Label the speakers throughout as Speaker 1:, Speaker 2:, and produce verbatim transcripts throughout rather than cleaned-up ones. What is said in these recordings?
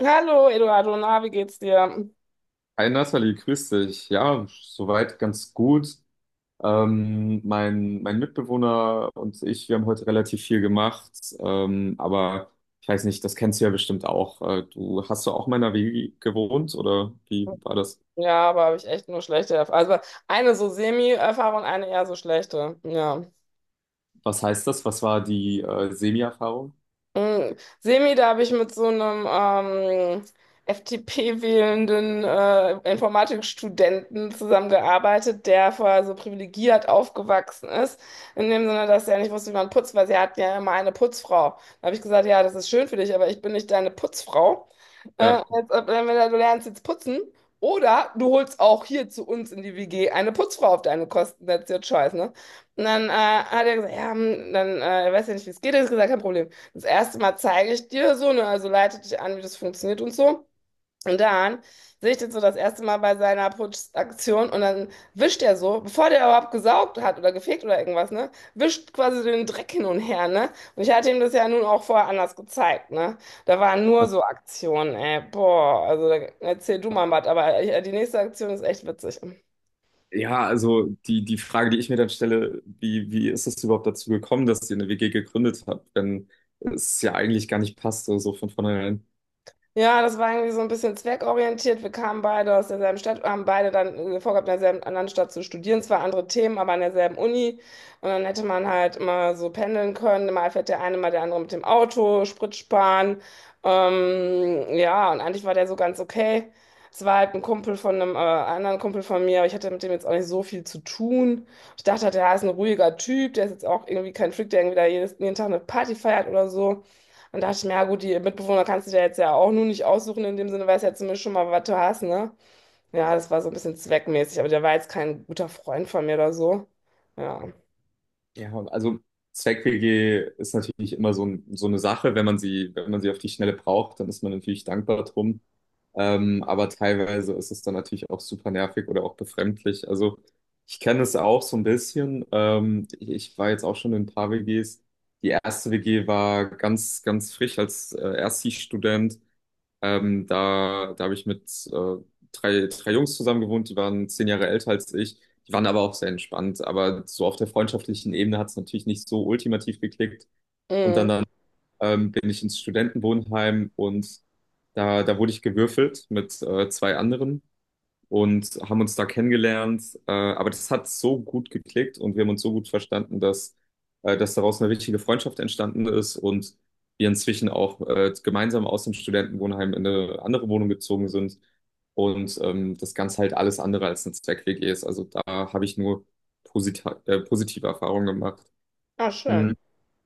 Speaker 1: Hallo Eduardo, na, wie geht's dir?
Speaker 2: Hi Nathalie, grüß dich. Ja, soweit ganz gut. Ähm, mein, mein Mitbewohner und ich, wir haben heute relativ viel gemacht, ähm, aber ich weiß nicht, das kennst du ja bestimmt auch. Äh, du hast du auch mal in einer W G gewohnt oder wie war das?
Speaker 1: Ja, aber habe ich echt nur schlechte Erfahrungen. Also eine so Semi-Erfahrung, eine eher so schlechte. Ja.
Speaker 2: Was heißt das? Was war die äh, Semi-Erfahrung?
Speaker 1: Mm, Semi, da habe ich mit so einem ähm, F D P-wählenden äh, Informatikstudenten zusammengearbeitet, der vorher so privilegiert aufgewachsen ist. In dem Sinne, dass er nicht wusste, wie man putzt, weil sie hatten ja immer eine Putzfrau. Da habe ich gesagt, ja, das ist schön für dich, aber ich bin nicht deine Putzfrau. Äh,
Speaker 2: Ja.
Speaker 1: als ob, entweder du lernst jetzt putzen oder du holst auch hier zu uns in die W G eine Putzfrau auf deine Kosten. That's your choice, ne? Und dann äh, hat er gesagt, ja, hm, dann äh, er weiß ja nicht, wie es geht. Er hat gesagt, kein Problem. Das erste Mal zeige ich dir so, ne, also leite dich an, wie das funktioniert und so. Und dann sehe ich den so das erste Mal bei seiner Putschaktion und dann wischt er so, bevor der überhaupt gesaugt hat oder gefegt oder irgendwas, ne, wischt quasi den Dreck hin und her, ne. Und ich hatte ihm das ja nun auch vorher anders gezeigt, ne. Da waren nur so Aktionen, ey, boah, also da, erzähl du mal was, aber äh, die nächste Aktion ist echt witzig.
Speaker 2: Ja, also die, die Frage, die ich mir dann stelle, wie, wie ist es überhaupt dazu gekommen, dass ihr eine W G gegründet habt, wenn es ja eigentlich gar nicht passte, so so von vornherein?
Speaker 1: Ja, das war irgendwie so ein bisschen zweckorientiert. Wir kamen beide aus derselben Stadt, haben beide dann äh, vorgehabt, in derselben anderen Stadt zu studieren. Zwar andere Themen, aber an derselben Uni. Und dann hätte man halt immer so pendeln können. Mal fährt der eine, mal der andere mit dem Auto, Sprit sparen. Ähm, ja, und eigentlich war der so ganz okay. Es war halt ein Kumpel von einem äh, anderen Kumpel von mir, aber ich hatte mit dem jetzt auch nicht so viel zu tun. Ich dachte, halt, der ist ein ruhiger Typ, der ist jetzt auch irgendwie kein Freak, der irgendwie da jedes, jeden Tag eine Party feiert oder so. Und dachte ich mir, ja gut, die Mitbewohner kannst du dir jetzt ja auch nur nicht aussuchen, in dem Sinne, weißt ja zumindest schon mal, was du hast, ne? Ja, das war so ein bisschen zweckmäßig, aber der war jetzt kein guter Freund von mir oder so. Ja.
Speaker 2: Ja, also Zweck-W G ist natürlich immer so, ein, so eine Sache, wenn man sie, wenn man sie auf die Schnelle braucht, dann ist man natürlich dankbar drum. Ähm, aber teilweise ist es dann natürlich auch super nervig oder auch befremdlich. Also ich kenne es auch so ein bisschen. Ähm, ich, ich war jetzt auch schon in ein paar W Gs. Die erste W G war ganz, ganz frisch als äh, Erststudent. Ähm, da da habe ich mit äh, drei, drei Jungs zusammen gewohnt, die waren zehn Jahre älter als ich. Die waren aber auch sehr entspannt. Aber so auf der freundschaftlichen Ebene hat es natürlich nicht so ultimativ geklickt. Und dann,
Speaker 1: Mhm.
Speaker 2: dann ähm, bin ich ins Studentenwohnheim und da, da wurde ich gewürfelt mit äh, zwei anderen und haben uns da kennengelernt. Äh, aber das hat so gut geklickt und wir haben uns so gut verstanden, dass, äh, dass daraus eine richtige Freundschaft entstanden ist und wir inzwischen auch äh, gemeinsam aus dem Studentenwohnheim in eine andere Wohnung gezogen sind und ähm, das Ganze halt alles andere als eine Zweck-W G ist. Also da habe ich nur posita- äh, positive Erfahrungen gemacht.
Speaker 1: Ah, schön.
Speaker 2: Mhm.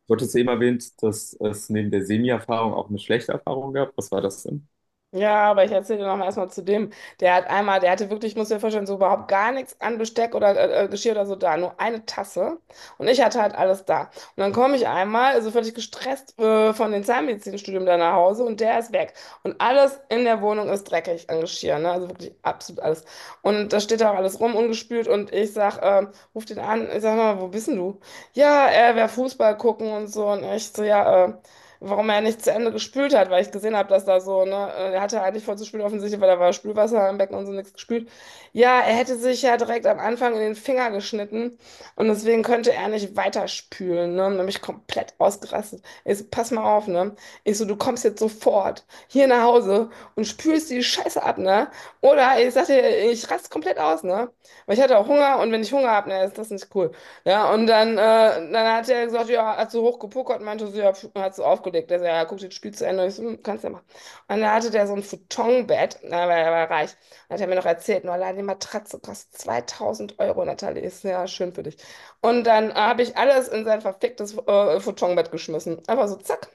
Speaker 2: Du hattest eben erwähnt, dass es neben der Semi-Erfahrung auch eine schlechte Erfahrung gab. Was war das denn?
Speaker 1: Ja, aber ich erzähle dir noch mal erstmal zu dem. Der hat einmal, der hatte wirklich, ich muss dir vorstellen, so überhaupt gar nichts an Besteck oder äh, äh, Geschirr oder so da, nur eine Tasse. Und ich hatte halt alles da. Und dann komme ich einmal, also völlig gestresst äh, von dem Zahnmedizinstudium da nach Hause und der ist weg. Und alles in der Wohnung ist dreckig an Geschirr, ne? Also wirklich absolut alles. Und da steht da auch alles rum, ungespült. Und ich sag, ähm, ruf den an, ich sag mal, wo bist denn du? Ja, er wäre Fußball gucken und so. Und ich so, ja, äh, warum er nicht zu Ende gespült hat, weil ich gesehen habe, dass da so, ne, äh, er hatte eigentlich voll zu spülen offensichtlich, weil da war Spülwasser im Becken und so nichts gespült. Ja, er hätte sich ja direkt am Anfang in den Finger geschnitten und deswegen könnte er nicht weiter spülen, ne, und dann bin ich komplett ausgerastet. Ich so, pass mal auf, ne, ich so, du kommst jetzt sofort hier nach Hause und spülst die Scheiße ab, ne, oder ich sagte, ich raste komplett aus, ne, weil ich hatte auch Hunger und wenn ich Hunger habe, ne, ist das nicht cool. Ja, und dann, äh, dann hat er gesagt, ja, hat so hochgepokert, meinte so, ja, pf, hat so aufgelegt. Er sagt, ja, guck dir das Spiel zu Ende. Ich so, hm, kannst ja machen. Und da hatte der so ein Futonbett, na, weil er war reich. Hat er mir noch erzählt, nur allein die Matratze kostet zweitausend Euro, Natalie. Ist ja schön für dich. Und dann äh, habe ich alles in sein verficktes äh, Futonbett geschmissen. Einfach so, zack.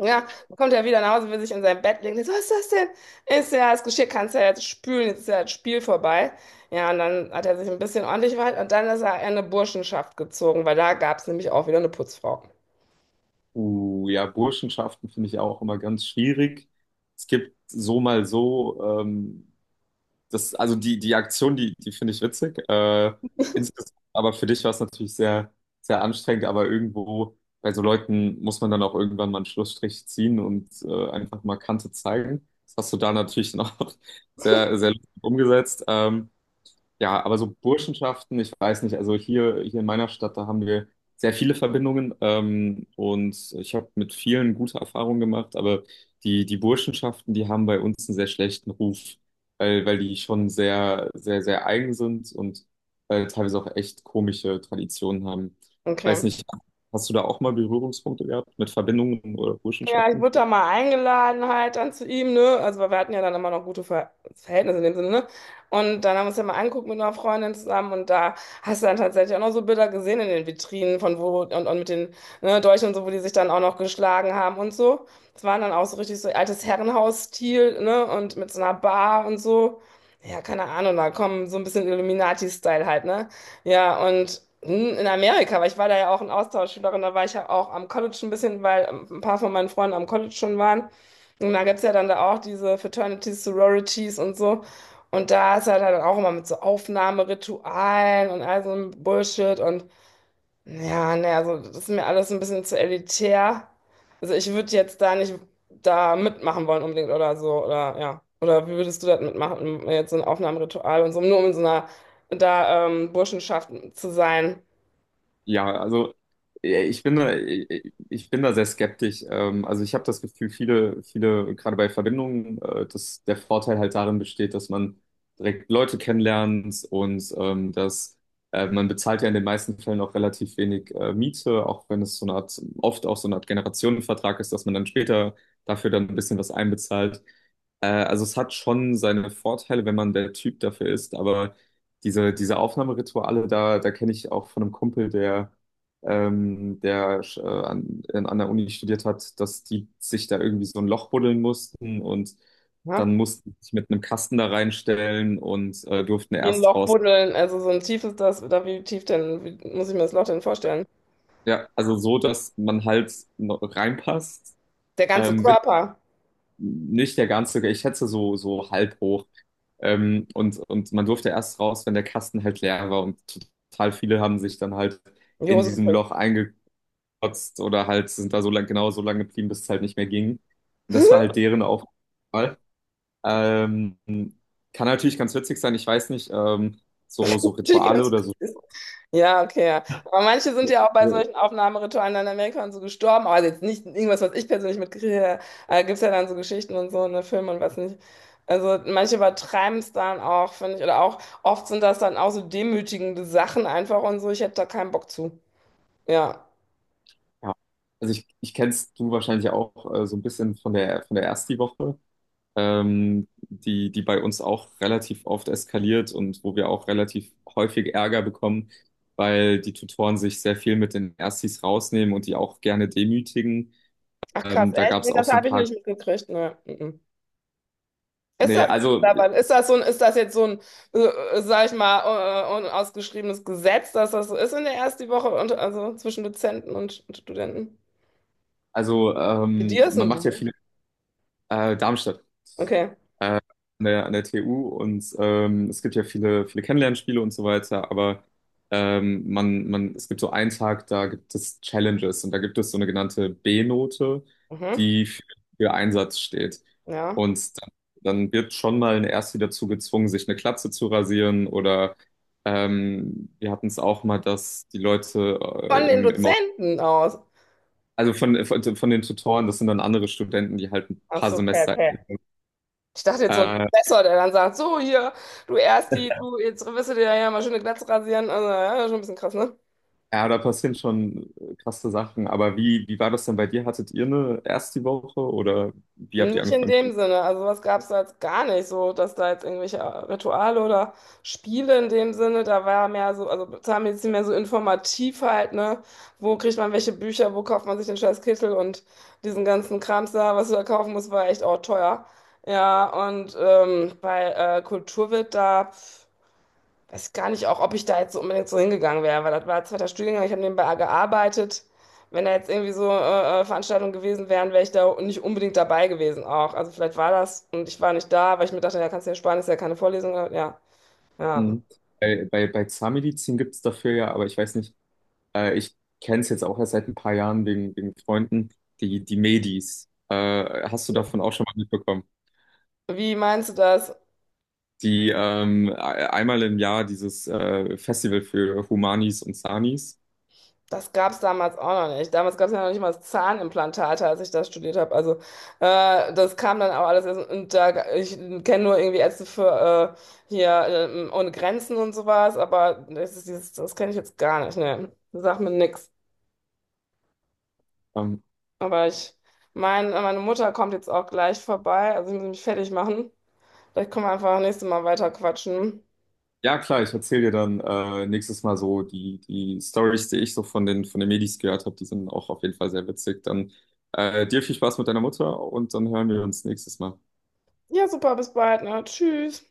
Speaker 1: Ja, dann kommt er wieder nach Hause, will sich in sein Bett legen. Ich so, was ist das denn? Ist ja das Geschirr, kannst ja jetzt spülen, jetzt ist ja das Spiel vorbei. Ja, und dann hat er sich ein bisschen ordentlich verhalten und dann ist er in eine Burschenschaft gezogen, weil da gab es nämlich auch wieder eine Putzfrau.
Speaker 2: Uh, ja, Burschenschaften finde ich auch immer ganz schwierig. Es gibt so mal so, ähm, das, also die, die Aktion, die, die finde ich witzig. Äh, insgesamt, aber für dich war es natürlich sehr, sehr anstrengend, aber irgendwo bei so Leuten muss man dann auch irgendwann mal einen Schlussstrich ziehen und äh, einfach mal Kante zeigen. Das hast du da natürlich noch sehr, sehr lustig umgesetzt. Ähm, ja, aber so Burschenschaften, ich weiß nicht, also hier, hier in meiner Stadt, da haben wir sehr viele Verbindungen ähm, und ich habe mit vielen gute Erfahrungen gemacht, aber die, die Burschenschaften, die haben bei uns einen sehr schlechten Ruf, weil, weil die schon sehr, sehr, sehr eigen sind und äh, teilweise auch echt komische Traditionen haben. Ich weiß
Speaker 1: Okay.
Speaker 2: nicht, hast du da auch mal Berührungspunkte gehabt mit Verbindungen oder
Speaker 1: Ja, ich
Speaker 2: Burschenschaften?
Speaker 1: wurde da mal eingeladen halt dann zu ihm, ne? Also weil wir hatten ja dann immer noch gute Ver Verhältnisse in dem Sinne, ne? Und dann haben wir uns ja mal angeguckt mit einer Freundin zusammen und da hast du dann tatsächlich auch noch so Bilder gesehen in den Vitrinen von wo und, und mit den ne, Dolchen und so, wo die sich dann auch noch geschlagen haben und so. Das waren dann auch so richtig so altes Herrenhausstil, ne? Und mit so einer Bar und so. Ja, keine Ahnung, da kommen so ein bisschen Illuminati-Style halt, ne? Ja, und n- in Amerika, weil ich war da ja auch ein Austauschschülerin, da war ich ja auch am College ein bisschen, weil ähm, ein paar von meinen Freunden am College schon waren. Und da gibt es ja dann da auch diese Fraternities, Sororities und so. Und da ist halt dann auch immer mit so Aufnahmeritualen und all so einem Bullshit. Und ja, ne, also das ist mir alles so ein bisschen zu elitär. Also ich würde jetzt da nicht da mitmachen wollen unbedingt oder so, oder ja. Oder wie würdest du das mitmachen, jetzt so ein Aufnahmeritual und so, nur um in so einer da ähm, Burschenschaft zu sein?
Speaker 2: Ja, also äh, ich bin da, ich ich bin da sehr skeptisch. Ähm, Also ich habe das Gefühl, viele, viele, gerade bei Verbindungen, äh, dass der Vorteil halt darin besteht, dass man direkt Leute kennenlernt und ähm, dass äh, man bezahlt ja in den meisten Fällen auch relativ wenig äh, Miete, auch wenn es so eine Art, oft auch so eine Art Generationenvertrag ist, dass man dann später dafür dann ein bisschen was einbezahlt. Äh, also es hat schon seine Vorteile, wenn man der Typ dafür ist, aber diese, diese Aufnahmerituale, da, da kenne ich auch von einem Kumpel, der, ähm, der äh, an, in- an der Uni studiert hat, dass die sich da irgendwie so ein Loch buddeln mussten und
Speaker 1: Ja?
Speaker 2: dann mussten sie sich mit einem Kasten da reinstellen und äh, durften
Speaker 1: Wie ein
Speaker 2: erst
Speaker 1: Loch
Speaker 2: raus.
Speaker 1: buddeln, also so ein tiefes das, oder wie tief denn, wie muss ich mir das Loch denn vorstellen?
Speaker 2: Ja, also so, dass man halt noch reinpasst,
Speaker 1: Der ganze
Speaker 2: ähm, mit
Speaker 1: Körper,
Speaker 2: nicht der ganze, ich schätze so, so halb hoch. Ähm, und, und man durfte erst raus, wenn der Kasten halt leer war und total viele haben sich dann halt
Speaker 1: in die
Speaker 2: in
Speaker 1: Hose
Speaker 2: diesem
Speaker 1: gepisst.
Speaker 2: Loch einge gekotzt oder halt sind da so lang, genau so lange geblieben, bis es halt nicht mehr ging. Und das war halt deren Aufgabe. Ähm, kann natürlich ganz witzig sein, ich weiß nicht, ähm, so, so
Speaker 1: Natürlich
Speaker 2: Rituale
Speaker 1: ganz.
Speaker 2: oder so.
Speaker 1: Ja, okay. Ja. Aber manche sind ja auch bei
Speaker 2: Ja.
Speaker 1: solchen Aufnahmeritualen dann in Amerika und so gestorben. Also jetzt nicht irgendwas, was ich persönlich mitkriege. Äh, gibt es ja dann so Geschichten und so, ne, Filme und was nicht. Also manche übertreiben es dann auch, finde ich. Oder auch oft sind das dann auch so demütigende Sachen einfach und so. Ich hätte da keinen Bock zu. Ja.
Speaker 2: Also ich, ich kennst du wahrscheinlich auch äh, so ein bisschen von der von der Ersti-Woche, ähm, die, die bei uns auch relativ oft eskaliert und wo wir auch relativ häufig Ärger bekommen, weil die Tutoren sich sehr viel mit den Erstis rausnehmen und die auch gerne demütigen.
Speaker 1: Ach krass,
Speaker 2: Ähm, da
Speaker 1: echt?
Speaker 2: gab es
Speaker 1: Nee,
Speaker 2: auch
Speaker 1: das
Speaker 2: so ein
Speaker 1: habe ich
Speaker 2: paar.
Speaker 1: nicht mitgekriegt. Ne. Mhm. Ist
Speaker 2: Nee,
Speaker 1: das,
Speaker 2: also,
Speaker 1: ist das so ein, Ist das jetzt so ein, äh, sag ich mal, äh, unausgeschriebenes Gesetz, dass das so ist in der ersten Woche und also zwischen Dozenten und Studenten?
Speaker 2: also
Speaker 1: Mit Du.
Speaker 2: ähm, man macht ja viele äh, Darmstadt
Speaker 1: Okay.
Speaker 2: äh, an der, an der T U und ähm, es gibt ja viele, viele Kennenlernspiele und so weiter, aber ähm, man, man, es gibt so einen Tag, da gibt es Challenges und da gibt es so eine genannte B-Note,
Speaker 1: Mhm.
Speaker 2: die für, für Einsatz steht.
Speaker 1: Ja.
Speaker 2: Und dann, dann wird schon mal ein Ersti dazu gezwungen, sich eine Glatze zu rasieren oder ähm, wir hatten es auch mal, dass die Leute
Speaker 1: Von
Speaker 2: äh,
Speaker 1: den
Speaker 2: im, im.
Speaker 1: Dozenten aus.
Speaker 2: Also von, von, von den Tutoren, das sind dann andere Studenten, die halt ein
Speaker 1: Ach
Speaker 2: paar
Speaker 1: so, okay,
Speaker 2: Semester
Speaker 1: okay.
Speaker 2: älter sind.
Speaker 1: Ich dachte jetzt so ein
Speaker 2: Äh,
Speaker 1: Professor, der dann sagt, so hier, du erst die, du, jetzt wirst du dir ja mal schöne Glatze rasieren. Also, ja, schon ein bisschen krass, ne?
Speaker 2: ja, da passieren schon krasse Sachen. Aber wie, wie war das denn bei dir? Hattet ihr eine erste Woche oder wie habt ihr
Speaker 1: Nicht in
Speaker 2: angefangen?
Speaker 1: dem Sinne. Also was gab es da jetzt gar nicht so, dass da jetzt irgendwelche Rituale oder Spiele in dem Sinne, da war mehr so, also Zahnmedizin mehr so informativ halt, ne? Wo kriegt man welche Bücher, wo kauft man sich den scheiß Kittel und diesen ganzen Krams da, was du da kaufen musst, war echt auch teuer. Ja, und ähm, bei äh, Kultur wird da. Weiß gar nicht auch, ob ich da jetzt so unbedingt so hingegangen wäre, weil das war zweiter Studiengang, ich habe nebenbei gearbeitet. Wenn da jetzt irgendwie so äh, äh, Veranstaltungen gewesen wären, wäre ich da nicht unbedingt dabei gewesen auch. Also vielleicht war das und ich war nicht da, weil ich mir dachte, ja, kannst du ja sparen, ist ja keine Vorlesung. Ja, ja.
Speaker 2: Mhm. Bei, bei, bei Zahnmedizin gibt es dafür ja, aber ich weiß nicht, äh, ich kenne es jetzt auch erst seit ein paar Jahren wegen, wegen Freunden, die, die Medis. Äh, hast du davon auch schon mal mitbekommen?
Speaker 1: Wie meinst du das?
Speaker 2: Die ähm, e- einmal im Jahr dieses äh, Festival für Humanis und Sanis.
Speaker 1: Das gab es damals auch noch nicht. Damals gab es ja noch nicht mal das Zahnimplantate, als ich das studiert habe. Also äh, das kam dann auch alles erst. Und da, ich kenne nur irgendwie Ärzte für äh, hier äh, ohne Grenzen und sowas, aber das ist dieses, das kenne ich jetzt gar nicht. Ne, sagt mir nix.
Speaker 2: Ähm,
Speaker 1: Aber ich, mein, Meine Mutter kommt jetzt auch gleich vorbei. Also ich muss mich fertig machen. Vielleicht können wir einfach nächstes Mal weiter quatschen.
Speaker 2: Ja, klar, ich erzähle dir dann äh, nächstes Mal so die, die Stories, die ich so von den, von den Medis gehört habe, die sind auch auf jeden Fall sehr witzig. Dann äh, dir viel Spaß mit deiner Mutter und dann hören wir uns nächstes Mal.
Speaker 1: Ja, super, bis bald, ne? Tschüss.